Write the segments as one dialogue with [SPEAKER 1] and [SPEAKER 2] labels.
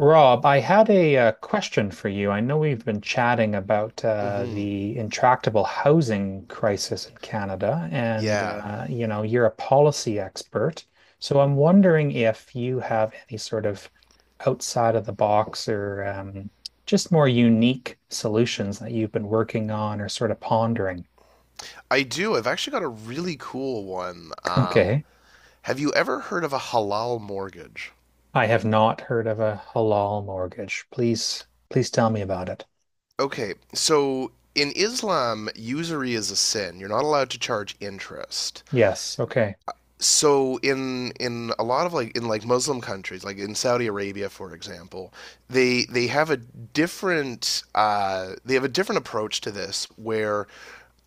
[SPEAKER 1] Rob, I had a question for you. I know we've been chatting about
[SPEAKER 2] hmm
[SPEAKER 1] the intractable housing crisis in Canada, and
[SPEAKER 2] Yeah,
[SPEAKER 1] you're a policy expert. So I'm wondering if you have any sort of outside of the box or just more unique solutions that you've been working on or sort of pondering.
[SPEAKER 2] I do. I've actually got a really cool one.
[SPEAKER 1] Okay.
[SPEAKER 2] Have you ever heard of a halal mortgage?
[SPEAKER 1] I have not heard of a halal mortgage. Please, please tell me about it.
[SPEAKER 2] Okay, so in Islam, usury is a sin. You're not allowed to charge interest.
[SPEAKER 1] Yes. Okay.
[SPEAKER 2] So in a lot of like in Muslim countries, like in Saudi Arabia, for example, they have a different they have a different approach to this where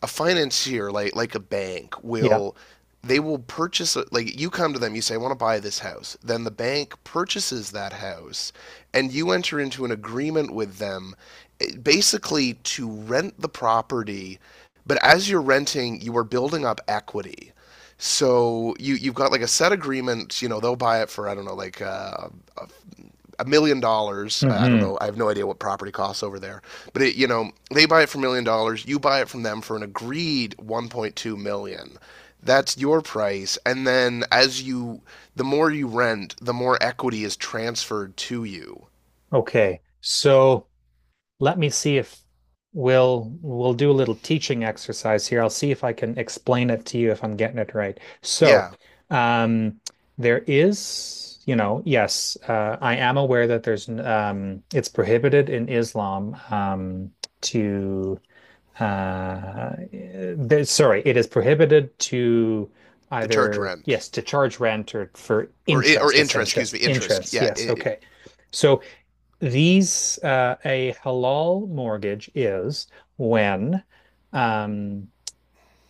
[SPEAKER 2] a financier like a bank
[SPEAKER 1] Yeah.
[SPEAKER 2] will they will like you come to them, you say I want to buy this house, then the bank purchases that house and you enter into an agreement with them, basically to rent the property, but as you're renting you are building up equity. So you you've got like a set agreement, you know, they'll buy it for, I don't know, like $1 million. I don't
[SPEAKER 1] Hmm.
[SPEAKER 2] know. I have no idea what property costs over there. But it, you know, they buy it for $1 million. You buy it from them for an agreed 1.2 million. Dollars. That's your price. And then as you, The more you rent, the more equity is transferred to you.
[SPEAKER 1] Okay, so let me see if we'll do a little teaching exercise here. I'll see if I can explain it to you if I'm getting it right. So,
[SPEAKER 2] Yeah,
[SPEAKER 1] um, there is, yes, I am aware that there's it's prohibited in Islam to there, sorry, it is prohibited to
[SPEAKER 2] they charge
[SPEAKER 1] either
[SPEAKER 2] rent
[SPEAKER 1] yes to charge rent or for
[SPEAKER 2] or
[SPEAKER 1] interest,
[SPEAKER 2] interest.
[SPEAKER 1] essentially
[SPEAKER 2] Excuse
[SPEAKER 1] yes,
[SPEAKER 2] me, interest.
[SPEAKER 1] interest.
[SPEAKER 2] Yeah.
[SPEAKER 1] Yes,
[SPEAKER 2] It,
[SPEAKER 1] okay. So these a halal mortgage is when um,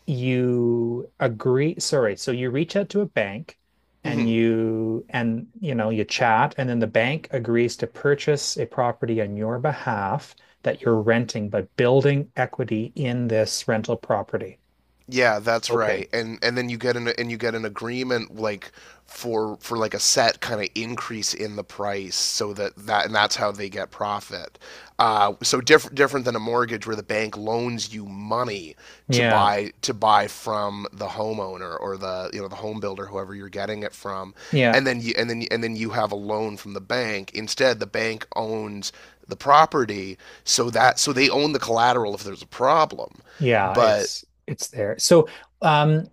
[SPEAKER 1] you agree. Sorry, so you reach out to a bank and
[SPEAKER 2] hmm
[SPEAKER 1] you and you know you chat, and then the bank agrees to purchase a property on your behalf that you're renting by building equity in this rental property.
[SPEAKER 2] yeah, that's
[SPEAKER 1] Okay.
[SPEAKER 2] right. And then you get an and you get an agreement like for like a set kind of increase in the price so that that and that's how they get profit. So different than a mortgage where the bank loans you money
[SPEAKER 1] Yeah,
[SPEAKER 2] to buy from the homeowner or the, you know, the home builder, whoever you're getting it from,
[SPEAKER 1] yeah,
[SPEAKER 2] and then you have a loan from the bank. Instead the bank owns the property, so that so they own the collateral if there's a problem,
[SPEAKER 1] yeah.
[SPEAKER 2] but
[SPEAKER 1] It's there. So, um,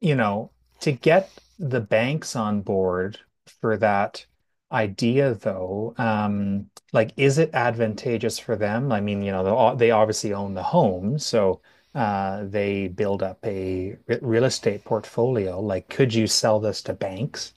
[SPEAKER 1] you know, to get the banks on board for that idea, though, like, is it advantageous for them? I mean, they obviously own the home, so they build up a real estate portfolio. Like, could you sell this to banks?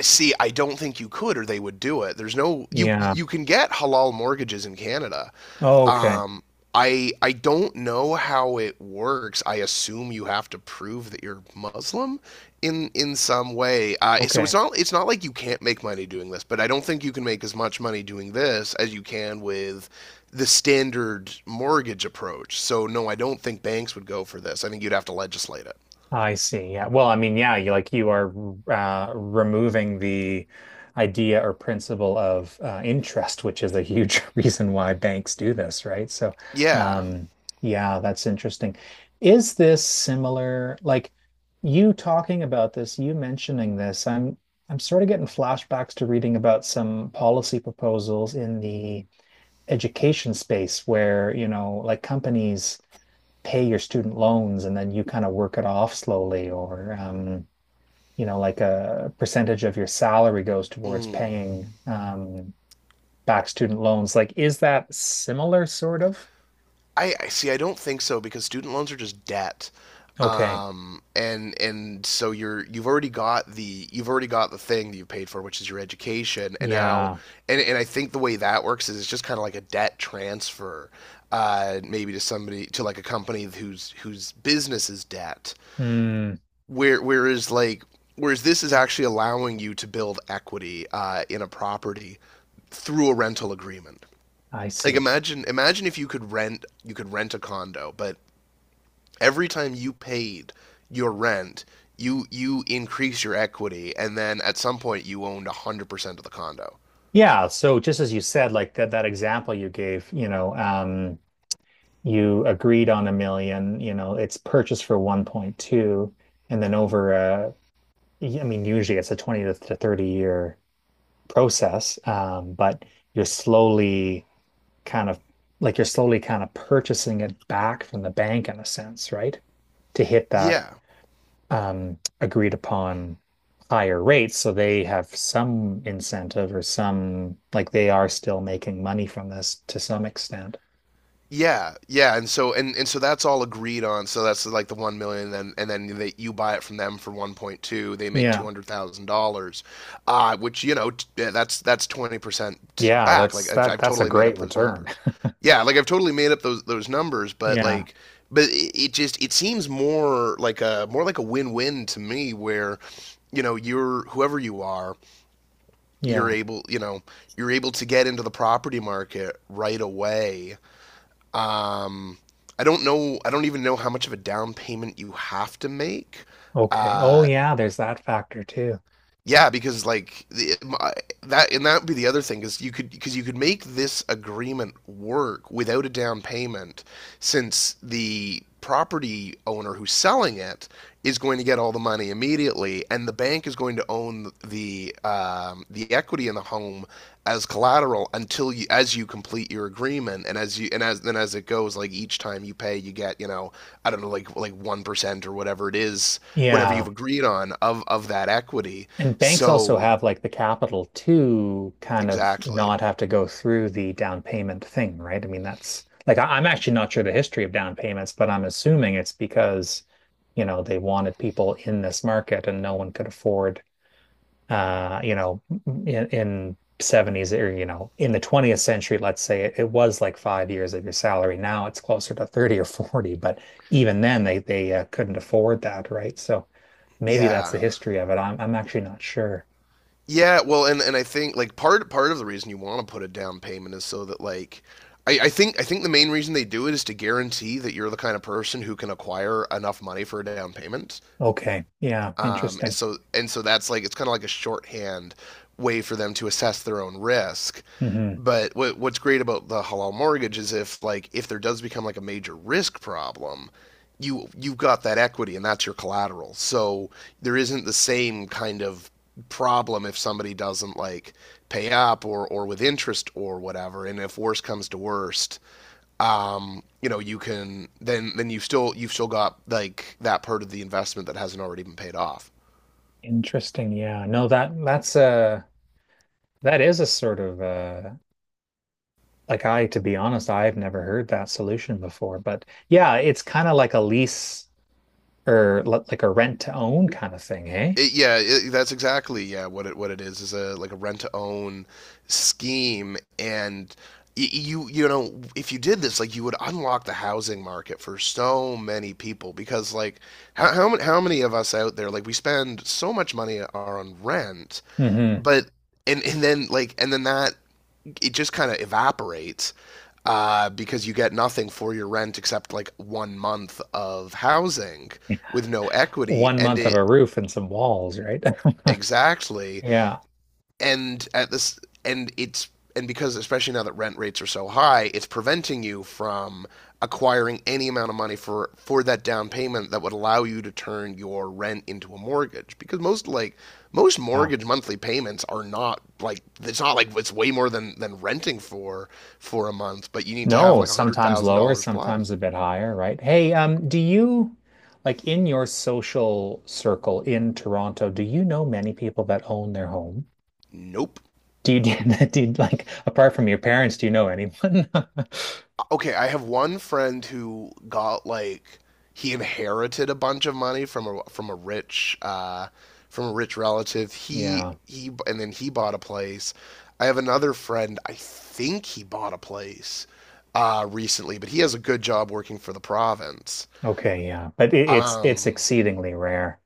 [SPEAKER 2] See, I don't think you could, or they would do it. There's no you.
[SPEAKER 1] Yeah.
[SPEAKER 2] You can get halal mortgages in Canada.
[SPEAKER 1] Oh, okay.
[SPEAKER 2] Um, I don't know how it works. I assume you have to prove that you're Muslim in some way. So
[SPEAKER 1] Okay.
[SPEAKER 2] it's not like you can't make money doing this, but I don't think you can make as much money doing this as you can with the standard mortgage approach. So no, I don't think banks would go for this. I think you'd have to legislate it.
[SPEAKER 1] I see. Yeah. Well, I mean, yeah, you are removing the idea or principle of interest, which is a huge reason why banks do this, right? So,
[SPEAKER 2] Yeah.
[SPEAKER 1] um, yeah, that's interesting. Is this similar? Like you talking about this, you mentioning this, I'm sort of getting flashbacks to reading about some policy proposals in the education space where, like companies pay your student loans and then you kind of work it off slowly or like a percentage of your salary goes towards
[SPEAKER 2] Mm.
[SPEAKER 1] paying back student loans like is that similar sort of.
[SPEAKER 2] I see. I don't think so, because student loans are just debt,
[SPEAKER 1] Okay.
[SPEAKER 2] and so you're you've already got the you've already got the thing that you paid for, which is your education. And now
[SPEAKER 1] Yeah.
[SPEAKER 2] and I think the way that works is it's just kind of like a debt transfer, maybe to somebody, to like a company whose whose business is debt.
[SPEAKER 1] Hmm.
[SPEAKER 2] Whereas like whereas this is actually allowing you to build equity in a property through a rental agreement.
[SPEAKER 1] I
[SPEAKER 2] Like
[SPEAKER 1] see.
[SPEAKER 2] imagine if you could rent, you could rent a condo, but every time you paid your rent, you increase your equity, and then at some point you owned 100% of the condo.
[SPEAKER 1] Yeah, so just as you said like that example you gave you agreed on a million it's purchased for 1.2 and then over a I mean, usually it's a 20 to 30 year process, but you're slowly kind of you're slowly kind of purchasing it back from the bank in a sense, right? To hit that
[SPEAKER 2] Yeah,
[SPEAKER 1] agreed upon higher rates. So they have some incentive or some like they are still making money from this to some extent.
[SPEAKER 2] Yeah, and so and so that's all agreed on. So that's like the 1 million, and then they, you buy it from them for 1.2. They make two
[SPEAKER 1] Yeah.
[SPEAKER 2] hundred thousand dollars, which, you know, yeah, that's 20%
[SPEAKER 1] Yeah,
[SPEAKER 2] back. Like
[SPEAKER 1] that's that
[SPEAKER 2] I've
[SPEAKER 1] that's a
[SPEAKER 2] totally made
[SPEAKER 1] great
[SPEAKER 2] up those
[SPEAKER 1] return.
[SPEAKER 2] numbers. Yeah, like I've totally made up those numbers, but
[SPEAKER 1] Yeah.
[SPEAKER 2] like but it just it seems more like a win win to me where, you know, you're whoever you are, you're
[SPEAKER 1] Yeah.
[SPEAKER 2] able, you know, you're able to get into the property market right away. Um, I don't know. I don't even know how much of a down payment you have to make.
[SPEAKER 1] Okay. Oh
[SPEAKER 2] Uh,
[SPEAKER 1] yeah, there's that factor too.
[SPEAKER 2] yeah, because like the, my, that, and that would be the other thing is, you could because you could make this agreement work without a down payment, since the property owner who's selling it is going to get all the money immediately, and the bank is going to own the equity in the home as collateral until you as you complete your agreement, and as you and as then as it goes, like each time you pay, you get, you know, I don't know, like 1% or whatever it is, whatever you've
[SPEAKER 1] Yeah.
[SPEAKER 2] agreed on of that equity,
[SPEAKER 1] And banks also
[SPEAKER 2] so
[SPEAKER 1] have like the capital to kind of
[SPEAKER 2] exactly.
[SPEAKER 1] not have to go through the down payment thing, right? I mean, that's like I'm actually not sure the history of down payments, but I'm assuming it's because, they wanted people in this market and no one could afford, uh, you know, in 70s or, in the 20th century, let's say it was like 5 years of your salary. Now it's closer to 30 or 40, but even then they couldn't afford that, right? So maybe that's
[SPEAKER 2] Yeah.
[SPEAKER 1] the history of it. I'm actually not sure.
[SPEAKER 2] Yeah, well and I think like part of the reason you want to put a down payment is so that like I think I think the main reason they do it is to guarantee that you're the kind of person who can acquire enough money for a down payment.
[SPEAKER 1] Okay. Yeah.
[SPEAKER 2] And
[SPEAKER 1] Interesting.
[SPEAKER 2] so and so that's like it's kind of like a shorthand way for them to assess their own risk.
[SPEAKER 1] Hmm.
[SPEAKER 2] But what's great about the halal mortgage is, if like if there does become like a major risk problem, you you've got that equity and that's your collateral. So there isn't the same kind of problem if somebody doesn't like pay up or with interest or whatever, and if worst comes to worst, um, you know, you can then you've still got like that part of the investment that hasn't already been paid off.
[SPEAKER 1] Interesting. Yeah. No, that is a sort of like to be honest, I've never heard that solution before. But yeah, it's kind of like a lease or like a rent to own kind of thing, eh?
[SPEAKER 2] It, yeah, it, that's exactly yeah what it is a like a rent to own scheme, and you you know, if you did this like you would unlock the housing market for so many people because like how, how many of us out there, like we spend so much money on rent,
[SPEAKER 1] Hmm.
[SPEAKER 2] but and then like and then that it just kind of evaporates, because you get nothing for your rent except like 1 month of housing with no equity,
[SPEAKER 1] One
[SPEAKER 2] and
[SPEAKER 1] month of a
[SPEAKER 2] it
[SPEAKER 1] roof and some walls, right?
[SPEAKER 2] exactly
[SPEAKER 1] Yeah.
[SPEAKER 2] and at this and it's and because especially now that rent rates are so high, it's preventing you from acquiring any amount of money for that down payment that would allow you to turn your rent into a mortgage, because most like most
[SPEAKER 1] Yeah.
[SPEAKER 2] mortgage monthly payments are not like, it's not like it's way more than renting for a month, but you need to have
[SPEAKER 1] No,
[SPEAKER 2] like a hundred
[SPEAKER 1] sometimes
[SPEAKER 2] thousand
[SPEAKER 1] lower,
[SPEAKER 2] dollars plus
[SPEAKER 1] sometimes a bit higher, right? Hey, do you like in your social circle in Toronto, do you know many people that own their home?
[SPEAKER 2] nope
[SPEAKER 1] Do you like apart from your parents, do you know anyone?
[SPEAKER 2] okay, I have one friend who got like he inherited a bunch of money from a rich relative. He
[SPEAKER 1] Yeah.
[SPEAKER 2] he and then he bought a place. I have another friend. I think he bought a place recently, but he has a good job working for the province.
[SPEAKER 1] Okay, yeah. But it's
[SPEAKER 2] Um,
[SPEAKER 1] exceedingly rare.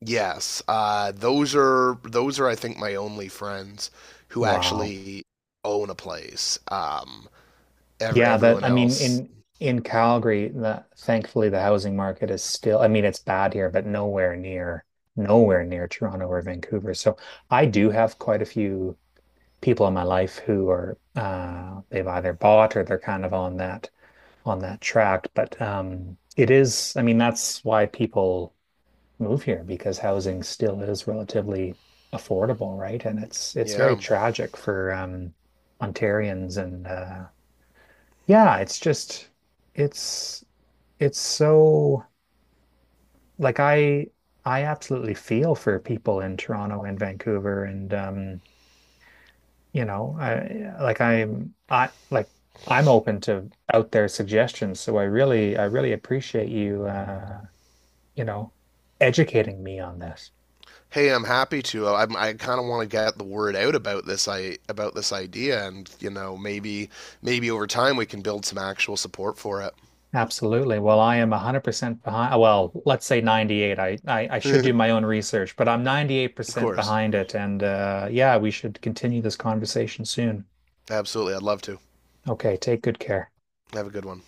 [SPEAKER 2] yes, those are I think my only friends who
[SPEAKER 1] Wow.
[SPEAKER 2] actually own a place.
[SPEAKER 1] Yeah, that
[SPEAKER 2] Everyone
[SPEAKER 1] I mean
[SPEAKER 2] else,
[SPEAKER 1] in Calgary, the, thankfully the housing market is still, I mean, it's bad here, but nowhere near Toronto or Vancouver. So I do have quite a few people in my life who are they've either bought or they're kind of on that track. But it is, I mean, that's why people move here because housing still is relatively affordable, right? And it's very
[SPEAKER 2] yeah.
[SPEAKER 1] tragic for Ontarians and yeah, it's just it's it's so like I absolutely feel for people in Toronto and Vancouver and you know, I like I'm I like I'm open to out there suggestions. So I really appreciate you you know, educating me on this.
[SPEAKER 2] Hey, I'm happy to. I'm, I kind of want to get the word out about this, I about this idea, and, you know, maybe over time we can build some actual support for it.
[SPEAKER 1] Absolutely. Well, I am 100% behind. Well, let's say 98. I should do my own research, but I'm
[SPEAKER 2] Of
[SPEAKER 1] 98%
[SPEAKER 2] course,
[SPEAKER 1] behind it. And yeah, we should continue this conversation soon.
[SPEAKER 2] absolutely, I'd love to.
[SPEAKER 1] Okay, take good care.
[SPEAKER 2] Have a good one.